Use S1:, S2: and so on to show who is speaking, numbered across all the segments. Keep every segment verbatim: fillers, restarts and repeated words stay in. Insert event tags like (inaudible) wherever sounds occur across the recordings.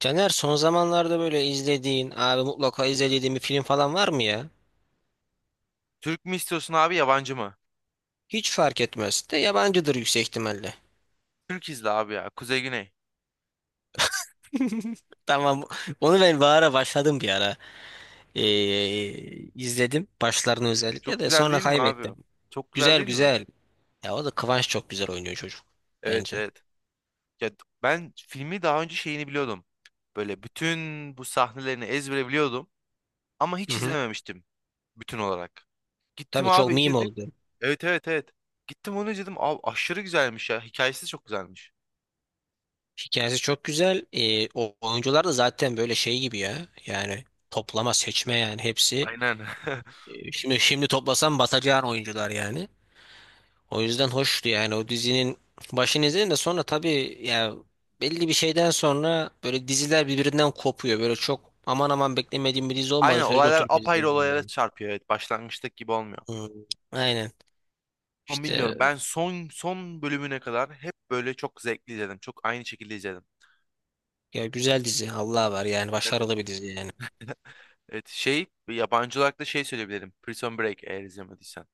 S1: Caner son zamanlarda böyle izlediğin, abi mutlaka izlediğin bir film falan var mı ya?
S2: Türk mü istiyorsun abi yabancı mı?
S1: Hiç fark etmez. De yabancıdır yüksek ihtimalle.
S2: Türk izle abi ya. Kuzey Güney.
S1: (laughs) Tamam. Onu ben bir ara başladım bir ara. Ee, izledim. Başlarını
S2: E,
S1: özellikle
S2: çok
S1: de
S2: güzel
S1: sonra
S2: değil mi abi?
S1: kaybettim.
S2: Çok güzel
S1: Güzel
S2: değil mi?
S1: güzel. Ya o da Kıvanç çok güzel oynuyor çocuk.
S2: Evet,
S1: Bence.
S2: evet. Ya d- Ben filmi daha önce şeyini biliyordum. Böyle bütün bu sahnelerini ezbere biliyordum. Ama
S1: Hı
S2: hiç
S1: hı.
S2: izlememiştim bütün olarak. Gittim
S1: Tabii
S2: abi
S1: çok meme
S2: izledim.
S1: oldu.
S2: Evet, evet, evet. Gittim onu izledim. Abi aşırı güzelmiş ya. Hikayesi de çok güzelmiş.
S1: Hikayesi çok güzel. Ee, o oyuncular da zaten böyle şey gibi ya. Yani toplama seçme yani hepsi.
S2: Aynen. (laughs)
S1: Ee, şimdi şimdi toplasam batacağın oyuncular yani. O yüzden hoştu yani o dizinin başını izledim de sonra tabii ya belli bir şeyden sonra böyle diziler birbirinden kopuyor. Böyle çok aman aman beklemediğim bir dizi olmadığı
S2: Aynen,
S1: sürece
S2: olaylar
S1: oturup
S2: apayrı olaylara
S1: izleyemiyorum.
S2: çarpıyor. Evet, başlangıçtaki gibi olmuyor.
S1: Hmm, Aynen.
S2: Ama
S1: İşte
S2: bilmiyorum. Ben son son bölümüne kadar hep böyle çok zevkli izledim. Çok aynı şekilde izledim.
S1: ya güzel dizi Allah var yani
S2: Evet.
S1: başarılı bir dizi yani.
S2: Evet, şey, yabancı olarak da şey söyleyebilirim. Prison Break, eğer izlemediysen.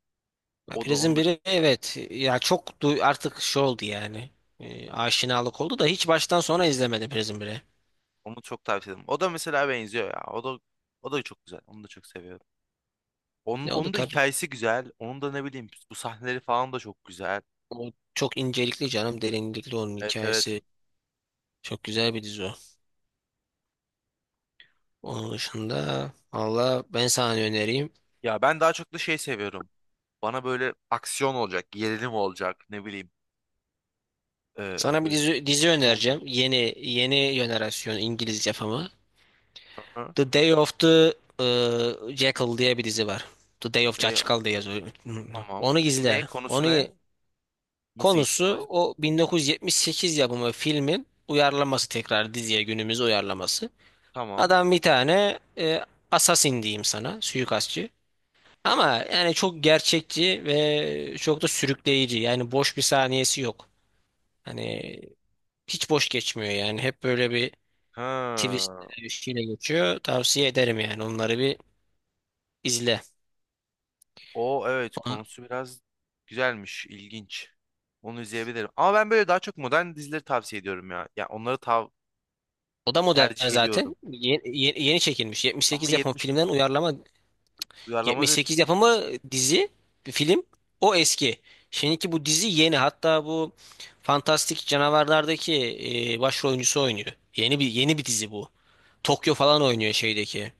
S1: Ya
S2: O da onu
S1: Prison
S2: da
S1: biri evet ya çok du- artık şey oldu yani. E, aşinalık oldu da hiç baştan sona izlemedim Prison biri.
S2: onu çok tavsiye ederim. O da mesela benziyor ya. O da o da çok güzel. Onu da çok seviyorum. Onun
S1: Ya o da
S2: onun da
S1: tabii.
S2: hikayesi güzel. Onun da ne bileyim, bu sahneleri falan da çok güzel.
S1: O çok incelikli canım derinlikli onun
S2: Evet, evet.
S1: hikayesi. Çok güzel bir dizi o. Onun dışında valla ben sana ne önereyim.
S2: Ya ben daha çok da şey seviyorum. Bana böyle aksiyon olacak, gerilim olacak, ne bileyim. Ee,
S1: Sana bir
S2: böyle
S1: dizi, dizi
S2: çatışma olacak.
S1: önereceğim. Yeni yeni jenerasyon İngiliz yapımı.
S2: Hı hı.
S1: The Day of the e, Jackal diye bir dizi var. The Day of
S2: Ve of,
S1: Jackal diye yazıyor.
S2: tamam.
S1: Onu
S2: Ne
S1: izle.
S2: konusu,
S1: Onu
S2: ne? Nasıl geçiyor olay?
S1: konusu o bin dokuz yüz yetmiş sekiz yapımı filmin uyarlaması tekrar diziye günümüz uyarlaması.
S2: Tamam.
S1: Adam bir tane e, assassin diyeyim sana, suikastçı. Ama yani çok gerçekçi ve çok da sürükleyici. Yani boş bir saniyesi yok. Hani hiç boş geçmiyor yani. Hep böyle bir twist
S2: Ha.
S1: bir şeyle geçiyor. Tavsiye ederim yani. Onları bir izle.
S2: O, evet,
S1: Ona-
S2: konusu biraz güzelmiş, ilginç. Onu izleyebilirim. Ama ben böyle daha çok modern dizileri tavsiye ediyorum ya. Ya onları tav
S1: O da modern
S2: Tercih ediyorum.
S1: zaten. Ye- ye- Yeni, çekilmiş.
S2: Ama
S1: yetmiş sekiz yapımı
S2: yetmiş
S1: filmden uyarlama.
S2: uyarlama dedim.
S1: yetmiş sekiz yapımı dizi, bir film. O eski. Şimdiki bu dizi yeni. Hatta bu Fantastik Canavarlar'daki e, başrol oyuncusu oynuyor. Yeni bir yeni bir dizi bu. Tokyo falan oynuyor şeydeki.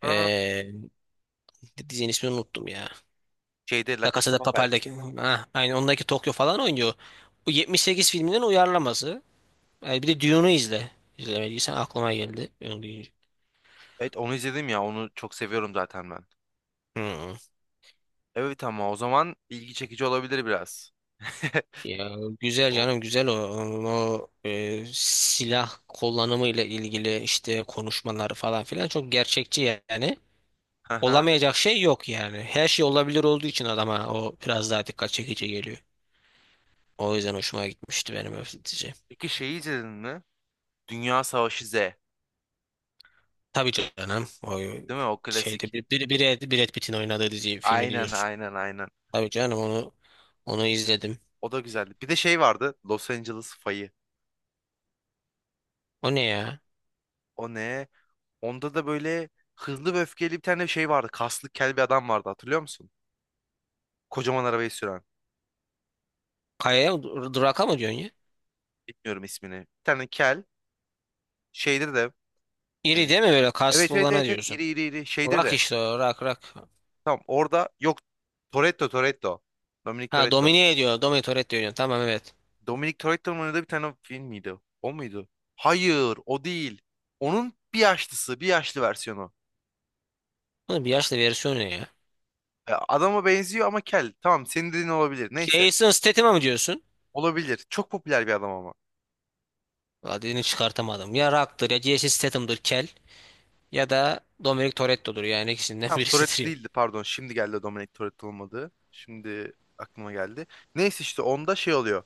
S2: Ha.
S1: E, Dizinin ismini unuttum ya.
S2: Şeyde La
S1: La
S2: Casa
S1: Casa
S2: de
S1: de
S2: Papel.
S1: Papel'deki. Ha, aynı ondaki Tokyo falan oynuyor. Bu yetmiş sekiz filminin uyarlaması. Yani bir de Dune'u izle. İzlemediysen aklıma geldi. Onu deyince.
S2: Evet, onu izledim ya. Onu çok seviyorum zaten ben.
S1: Hı.
S2: Evet, ama o zaman ilgi çekici olabilir biraz. (laughs)
S1: Ya güzel
S2: O.
S1: canım güzel o. O e, silah kullanımı ile ilgili işte konuşmaları falan filan çok gerçekçi yani.
S2: Aha.
S1: Olamayacak şey yok yani. Her şey olabilir olduğu için adama o biraz daha dikkat çekici geliyor. O yüzden hoşuma gitmişti benim öfletici.
S2: Peki şeyi izledin mi? Dünya Savaşı Z. Değil
S1: Tabii canım. O
S2: mi? O
S1: şeyde
S2: klasik.
S1: bir, bir, bir Brad, Brad Pitt'in oynadığı dizi filmi
S2: Aynen,
S1: diyorsun.
S2: aynen, aynen.
S1: Tabii canım onu onu izledim.
S2: O da güzeldi. Bir de şey vardı. Los Angeles Fayı.
S1: O ne ya?
S2: O ne? Onda da böyle hızlı ve öfkeli bir tane şey vardı. Kaslı kel bir adam vardı, hatırlıyor musun? Kocaman arabayı süren.
S1: Kayaya dur- duraka mı diyorsun ya?
S2: Bilmiyorum ismini. Bir tane kel. Şeyde de.
S1: İri
S2: e,
S1: değil mi böyle
S2: evet,
S1: kaslı
S2: evet,
S1: olana
S2: evet, evet.
S1: diyorsun.
S2: İri, iri, iri. Şeyde
S1: Rak
S2: de.
S1: işte o rak rak.
S2: Tamam, orada yok. Toretto, Toretto. Dominic
S1: Ha
S2: Toretto.
S1: domine ediyor. Dominator et diyorsun. Tamam evet.
S2: Dominic Toretto'nun oynadığı bir tane film miydi? O muydu? Hayır, o değil. Onun bir yaşlısı. Bir yaşlı versiyonu.
S1: Bunun bir yaşlı versiyonu ne ya?
S2: E, adama benziyor ama kel. Tamam, senin dediğin olabilir. Neyse.
S1: Jason Statham'a mı diyorsun?
S2: Olabilir. Çok popüler bir adam ama.
S1: Adını çıkartamadım. Ya Rock'tır ya Jason Statham'dır kel. Ya da Dominic Toretto'dur yani ikisinden (laughs)
S2: Tamam, Toretto
S1: birisidir ya.
S2: değildi, pardon. Şimdi geldi Dominic Toretto, olmadı. Şimdi aklıma geldi. Neyse, işte onda şey oluyor.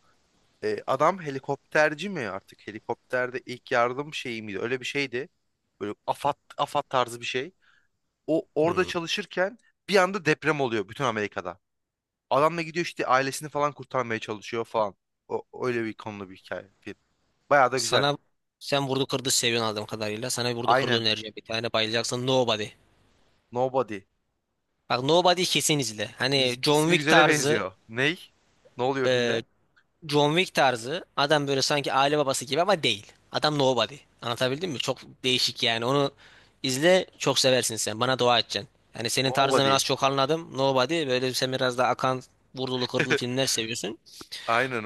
S2: E, adam helikopterci mi artık? Helikopterde ilk yardım şeyi miydi? Öyle bir şeydi. Böyle AFAD, AFAD tarzı bir şey. O orada
S1: Hmm.
S2: çalışırken bir anda deprem oluyor bütün Amerika'da. Adam da gidiyor, işte ailesini falan kurtarmaya çalışıyor falan. O, öyle bir konulu bir hikaye. Film. Bayağı da güzel.
S1: Sana sen vurdu kırdı seviyorsun aldığım kadarıyla. Sana bir vurdu kırdı
S2: Aynen.
S1: önereceğim. Bir tane bayılacaksın. Nobody.
S2: Nobody.
S1: Bak Nobody kesin izle.
S2: İs,
S1: Hani John
S2: ismi
S1: Wick
S2: güzele
S1: tarzı
S2: benziyor. Ney? Ne oluyor filmde?
S1: e, John Wick tarzı adam böyle sanki aile babası gibi ama değil. Adam Nobody. Anlatabildim mi? Çok değişik yani. Onu izle çok seversin sen. Bana dua edeceksin. Yani senin tarzını ben
S2: Nobody.
S1: az çok anladım. Nobody böyle sen biraz daha akan vurdulu kırdılı
S2: (laughs)
S1: filmler seviyorsun.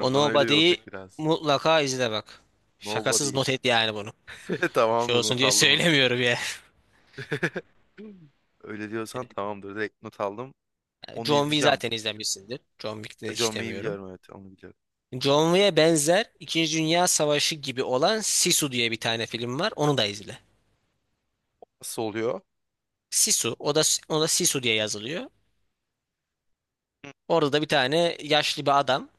S1: O
S2: bana öyle bir olacak
S1: Nobody'yi
S2: biraz.
S1: mutlaka izle bak. Şakasız
S2: Nobody.
S1: not et yani bunu.
S2: (laughs)
S1: Şey
S2: Tamamdır,
S1: olsun
S2: not
S1: diye (laughs)
S2: aldım onu.
S1: söylemiyorum ya.
S2: (laughs) Öyle diyorsan tamamdır. Direkt not aldım. Onu
S1: John Wick
S2: izleyeceğim.
S1: zaten izlemişsindir. John Wick'te
S2: John
S1: hiç
S2: May'i
S1: demiyorum.
S2: biliyorum, evet, onu biliyorum.
S1: John Wick'e benzer İkinci Dünya Savaşı gibi olan Sisu diye bir tane film var. Onu da izle.
S2: Nasıl oluyor?
S1: Sisu. O da, o da Sisu diye yazılıyor. Orada da bir tane yaşlı bir adam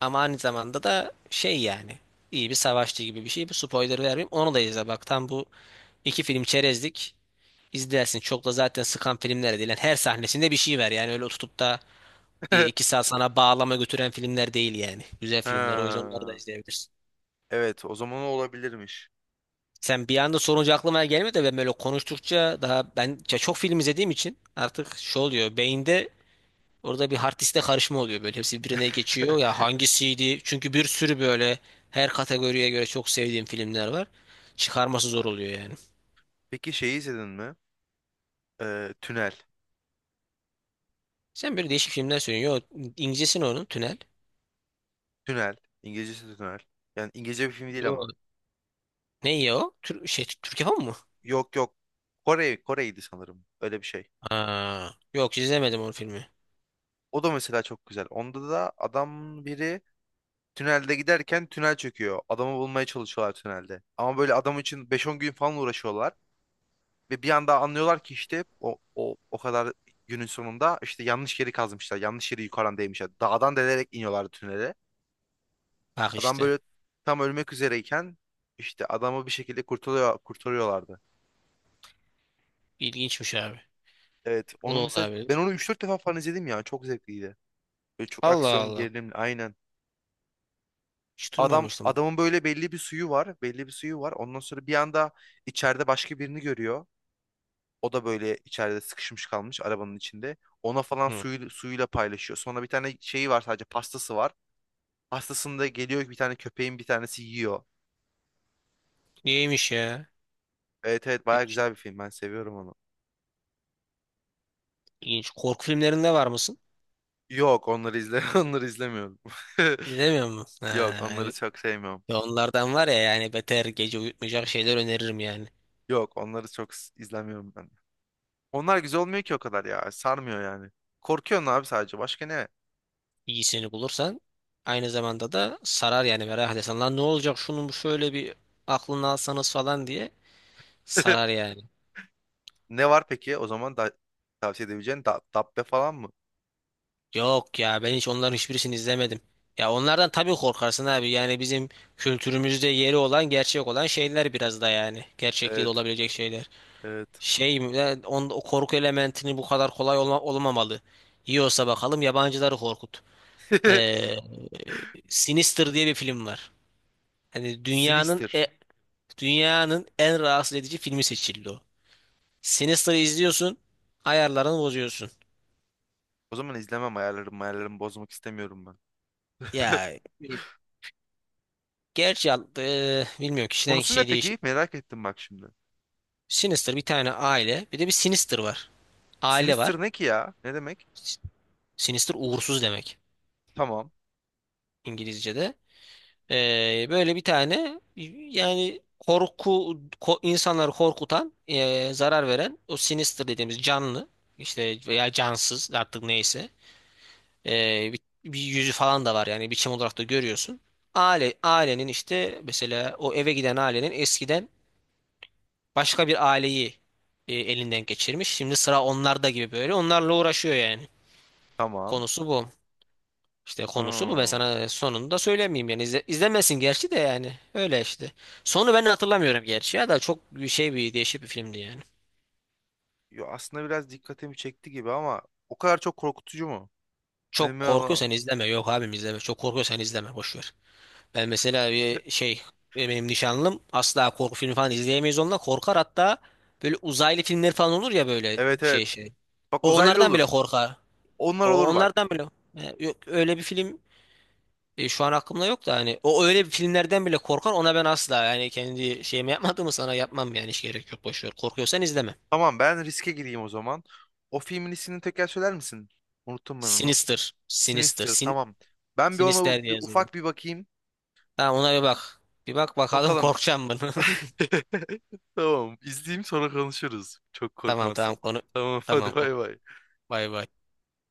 S1: ama aynı zamanda da şey yani iyi bir savaşçı gibi bir şey. Bu spoiler vermeyeyim. Onu da izle. Bak tam bu iki film çerezlik. İzlersin. Çok da zaten sıkan filmler değil. Yani her sahnesinde bir şey var. Yani öyle tutup da e,
S2: (laughs)
S1: iki saat sana bağlama götüren filmler değil yani. Güzel filmler. O yüzden onları da
S2: Ha.
S1: izleyebilirsin.
S2: Evet, o zaman o olabilirmiş.
S1: Sen bir anda sorunca aklıma gelmedi de ben böyle konuştukça daha ben ya çok film izlediğim için artık şu oluyor beyinde orada bir hard diskte karışma oluyor böyle hepsi birbirine geçiyor ya
S2: (laughs)
S1: hangisiydi çünkü bir sürü böyle her kategoriye göre çok sevdiğim filmler var çıkarması zor oluyor yani.
S2: Peki şeyi izledin mi? Ee, Tünel.
S1: Sen böyle değişik filmler söylüyorsun. Yo İngilizcesi ne onun Tünel.
S2: Tünel. İngilizcesi de Tünel. Yani İngilizce bir film değil
S1: Yo.
S2: ama.
S1: Ne ya o? Tür şey Türk yapımı mı?
S2: Yok, yok. Kore, Kore'ydi sanırım. Öyle bir şey.
S1: Ha. Yok izlemedim onun filmi.
S2: O da mesela çok güzel. Onda da adam biri tünelde giderken tünel çöküyor. Adamı bulmaya çalışıyorlar tünelde. Ama böyle adam için beş on gün falan uğraşıyorlar. Ve bir anda anlıyorlar ki işte o, o, o kadar günün sonunda işte yanlış yeri kazmışlar. Yanlış yeri yukarıdan değmişler. Dağdan delerek iniyorlardı tünele.
S1: Bak
S2: Adam
S1: işte.
S2: böyle tam ölmek üzereyken işte adamı bir şekilde kurtarıyor, kurtarıyorlardı.
S1: İlginçmiş abi.
S2: Evet,
S1: O da
S2: onun mesela, ben
S1: olabilir.
S2: onu üç dört defa falan izledim ya. Çok zevkliydi. Böyle çok
S1: Allah
S2: aksiyon
S1: Allah.
S2: gerilimli, aynen.
S1: Hiç
S2: Adam
S1: duymamıştım.
S2: adamın böyle belli bir suyu var, belli bir suyu var. Ondan sonra bir anda içeride başka birini görüyor. O da böyle içeride sıkışmış kalmış arabanın içinde. Ona falan
S1: Hı.
S2: suyu, suyuyla paylaşıyor. Sonra bir tane şeyi var, sadece pastası var. Pastasında da geliyor bir tane köpeğin bir tanesi yiyor.
S1: İyiymiş ya.
S2: Evet, evet, baya
S1: Değişik,
S2: güzel bir film, ben seviyorum onu.
S1: ilginç. Korku filmlerinde var mısın?
S2: Yok, onları izle, (laughs) onları izlemiyorum. (laughs)
S1: İzlemiyor musun?
S2: Yok,
S1: Ha,
S2: onları
S1: evet.
S2: çok sevmiyorum.
S1: Ya onlardan var ya yani beter gece uyutmayacak şeyler öneririm yani.
S2: Yok, onları çok s- izlemiyorum ben. Onlar güzel olmuyor ki o kadar ya. Sarmıyor yani. Korkuyorsun abi sadece. Başka ne?
S1: İyisini bulursan aynı zamanda da sarar yani merak edersen. Lan ne olacak şunun şöyle bir aklını alsanız falan diye sarar
S2: (laughs)
S1: yani.
S2: Ne var peki o zaman da tavsiye edebileceğin? Da- Dabbe falan mı?
S1: Yok ya ben hiç onların hiçbirisini izlemedim. Ya onlardan tabii korkarsın abi yani bizim kültürümüzde yeri olan gerçek olan şeyler biraz da yani. Gerçekliği de
S2: Evet.
S1: olabilecek şeyler.
S2: Evet.
S1: Şey e, on, o korku elementini bu kadar kolay olma, olmamalı. Yiyorsa bakalım yabancıları korkut. Ee, Sinister diye bir film var. Hani
S2: (laughs)
S1: dünyanın
S2: Sinister.
S1: e, dünyanın en rahatsız edici filmi seçildi o. Sinister'ı izliyorsun, ayarlarını bozuyorsun.
S2: O zaman izlemem, ayarlarım ayarlarımı bozmak istemiyorum ben. (laughs)
S1: Ya e, gerçi e, bilmiyorum kişiden
S2: Konusu ne
S1: kişiye değişir.
S2: peki? Merak ettim bak şimdi.
S1: Sinister bir tane aile, bir de bir Sinister var. Aile var.
S2: Sinister ne ki ya? Ne demek?
S1: Sinister uğursuz demek
S2: Tamam.
S1: İngilizce'de. Ee, böyle bir tane yani korku ko- insanları korkutan, ee, zarar veren o sinister dediğimiz canlı işte veya cansız artık neyse ee, bir, bir yüzü falan da var yani biçim olarak da görüyorsun. Aile ailenin işte mesela o eve giden ailenin eskiden başka bir aileyi e, elinden geçirmiş. Şimdi sıra onlarda gibi böyle onlarla uğraşıyor yani.
S2: Tamam.
S1: Konusu bu. İşte konusu bu. Ben
S2: Ha.
S1: sana sonunu da söylemeyeyim yani. İzle, izlemesin gerçi de yani. Öyle işte. Sonu ben hatırlamıyorum gerçi ya da çok bir şey bir değişik bir filmdi yani.
S2: Yo, aslında biraz dikkatimi çekti gibi, ama o kadar çok korkutucu mu?
S1: Çok
S2: Emin ol-
S1: korkuyorsan izleme. Yok abim izleme. Çok korkuyorsan izleme. Boş ver. Ben mesela bir
S2: (laughs)
S1: şey benim nişanlım asla korku filmi falan izleyemeyiz onunla korkar hatta böyle uzaylı filmler falan olur ya böyle
S2: Evet,
S1: şey
S2: evet.
S1: şey.
S2: Bak,
S1: O
S2: uzaylı
S1: onlardan bile
S2: olur.
S1: korkar.
S2: Onlar
S1: O
S2: olur bak.
S1: onlardan bile. E, Yok öyle bir film. E, şu an aklımda yok da hani o öyle bir filmlerden bile korkan ona ben asla yani kendi şeyimi yapmadığımı sana yapmam yani hiç gerek yok boş ver. Korkuyorsan izleme.
S2: Tamam, ben riske gireyim o zaman. O filmin ismini tekrar söyler misin? Unuttum ben onu.
S1: Sinister. Sinister.
S2: Sinister,
S1: Sin
S2: tamam. Ben bir ona u-
S1: Sinister diye
S2: bir,
S1: yazılıyor.
S2: ufak bir bakayım.
S1: Tamam ona bir bak. Bir bak bakalım
S2: Bakalım.
S1: korkacağım mı?
S2: (laughs) Tamam, izleyeyim, sonra konuşuruz. Çok
S1: (laughs) Tamam tamam
S2: korkmazsam.
S1: konu.
S2: Tamam, (laughs)
S1: Tamam
S2: hadi
S1: kork.
S2: bay bay.
S1: Bay bay.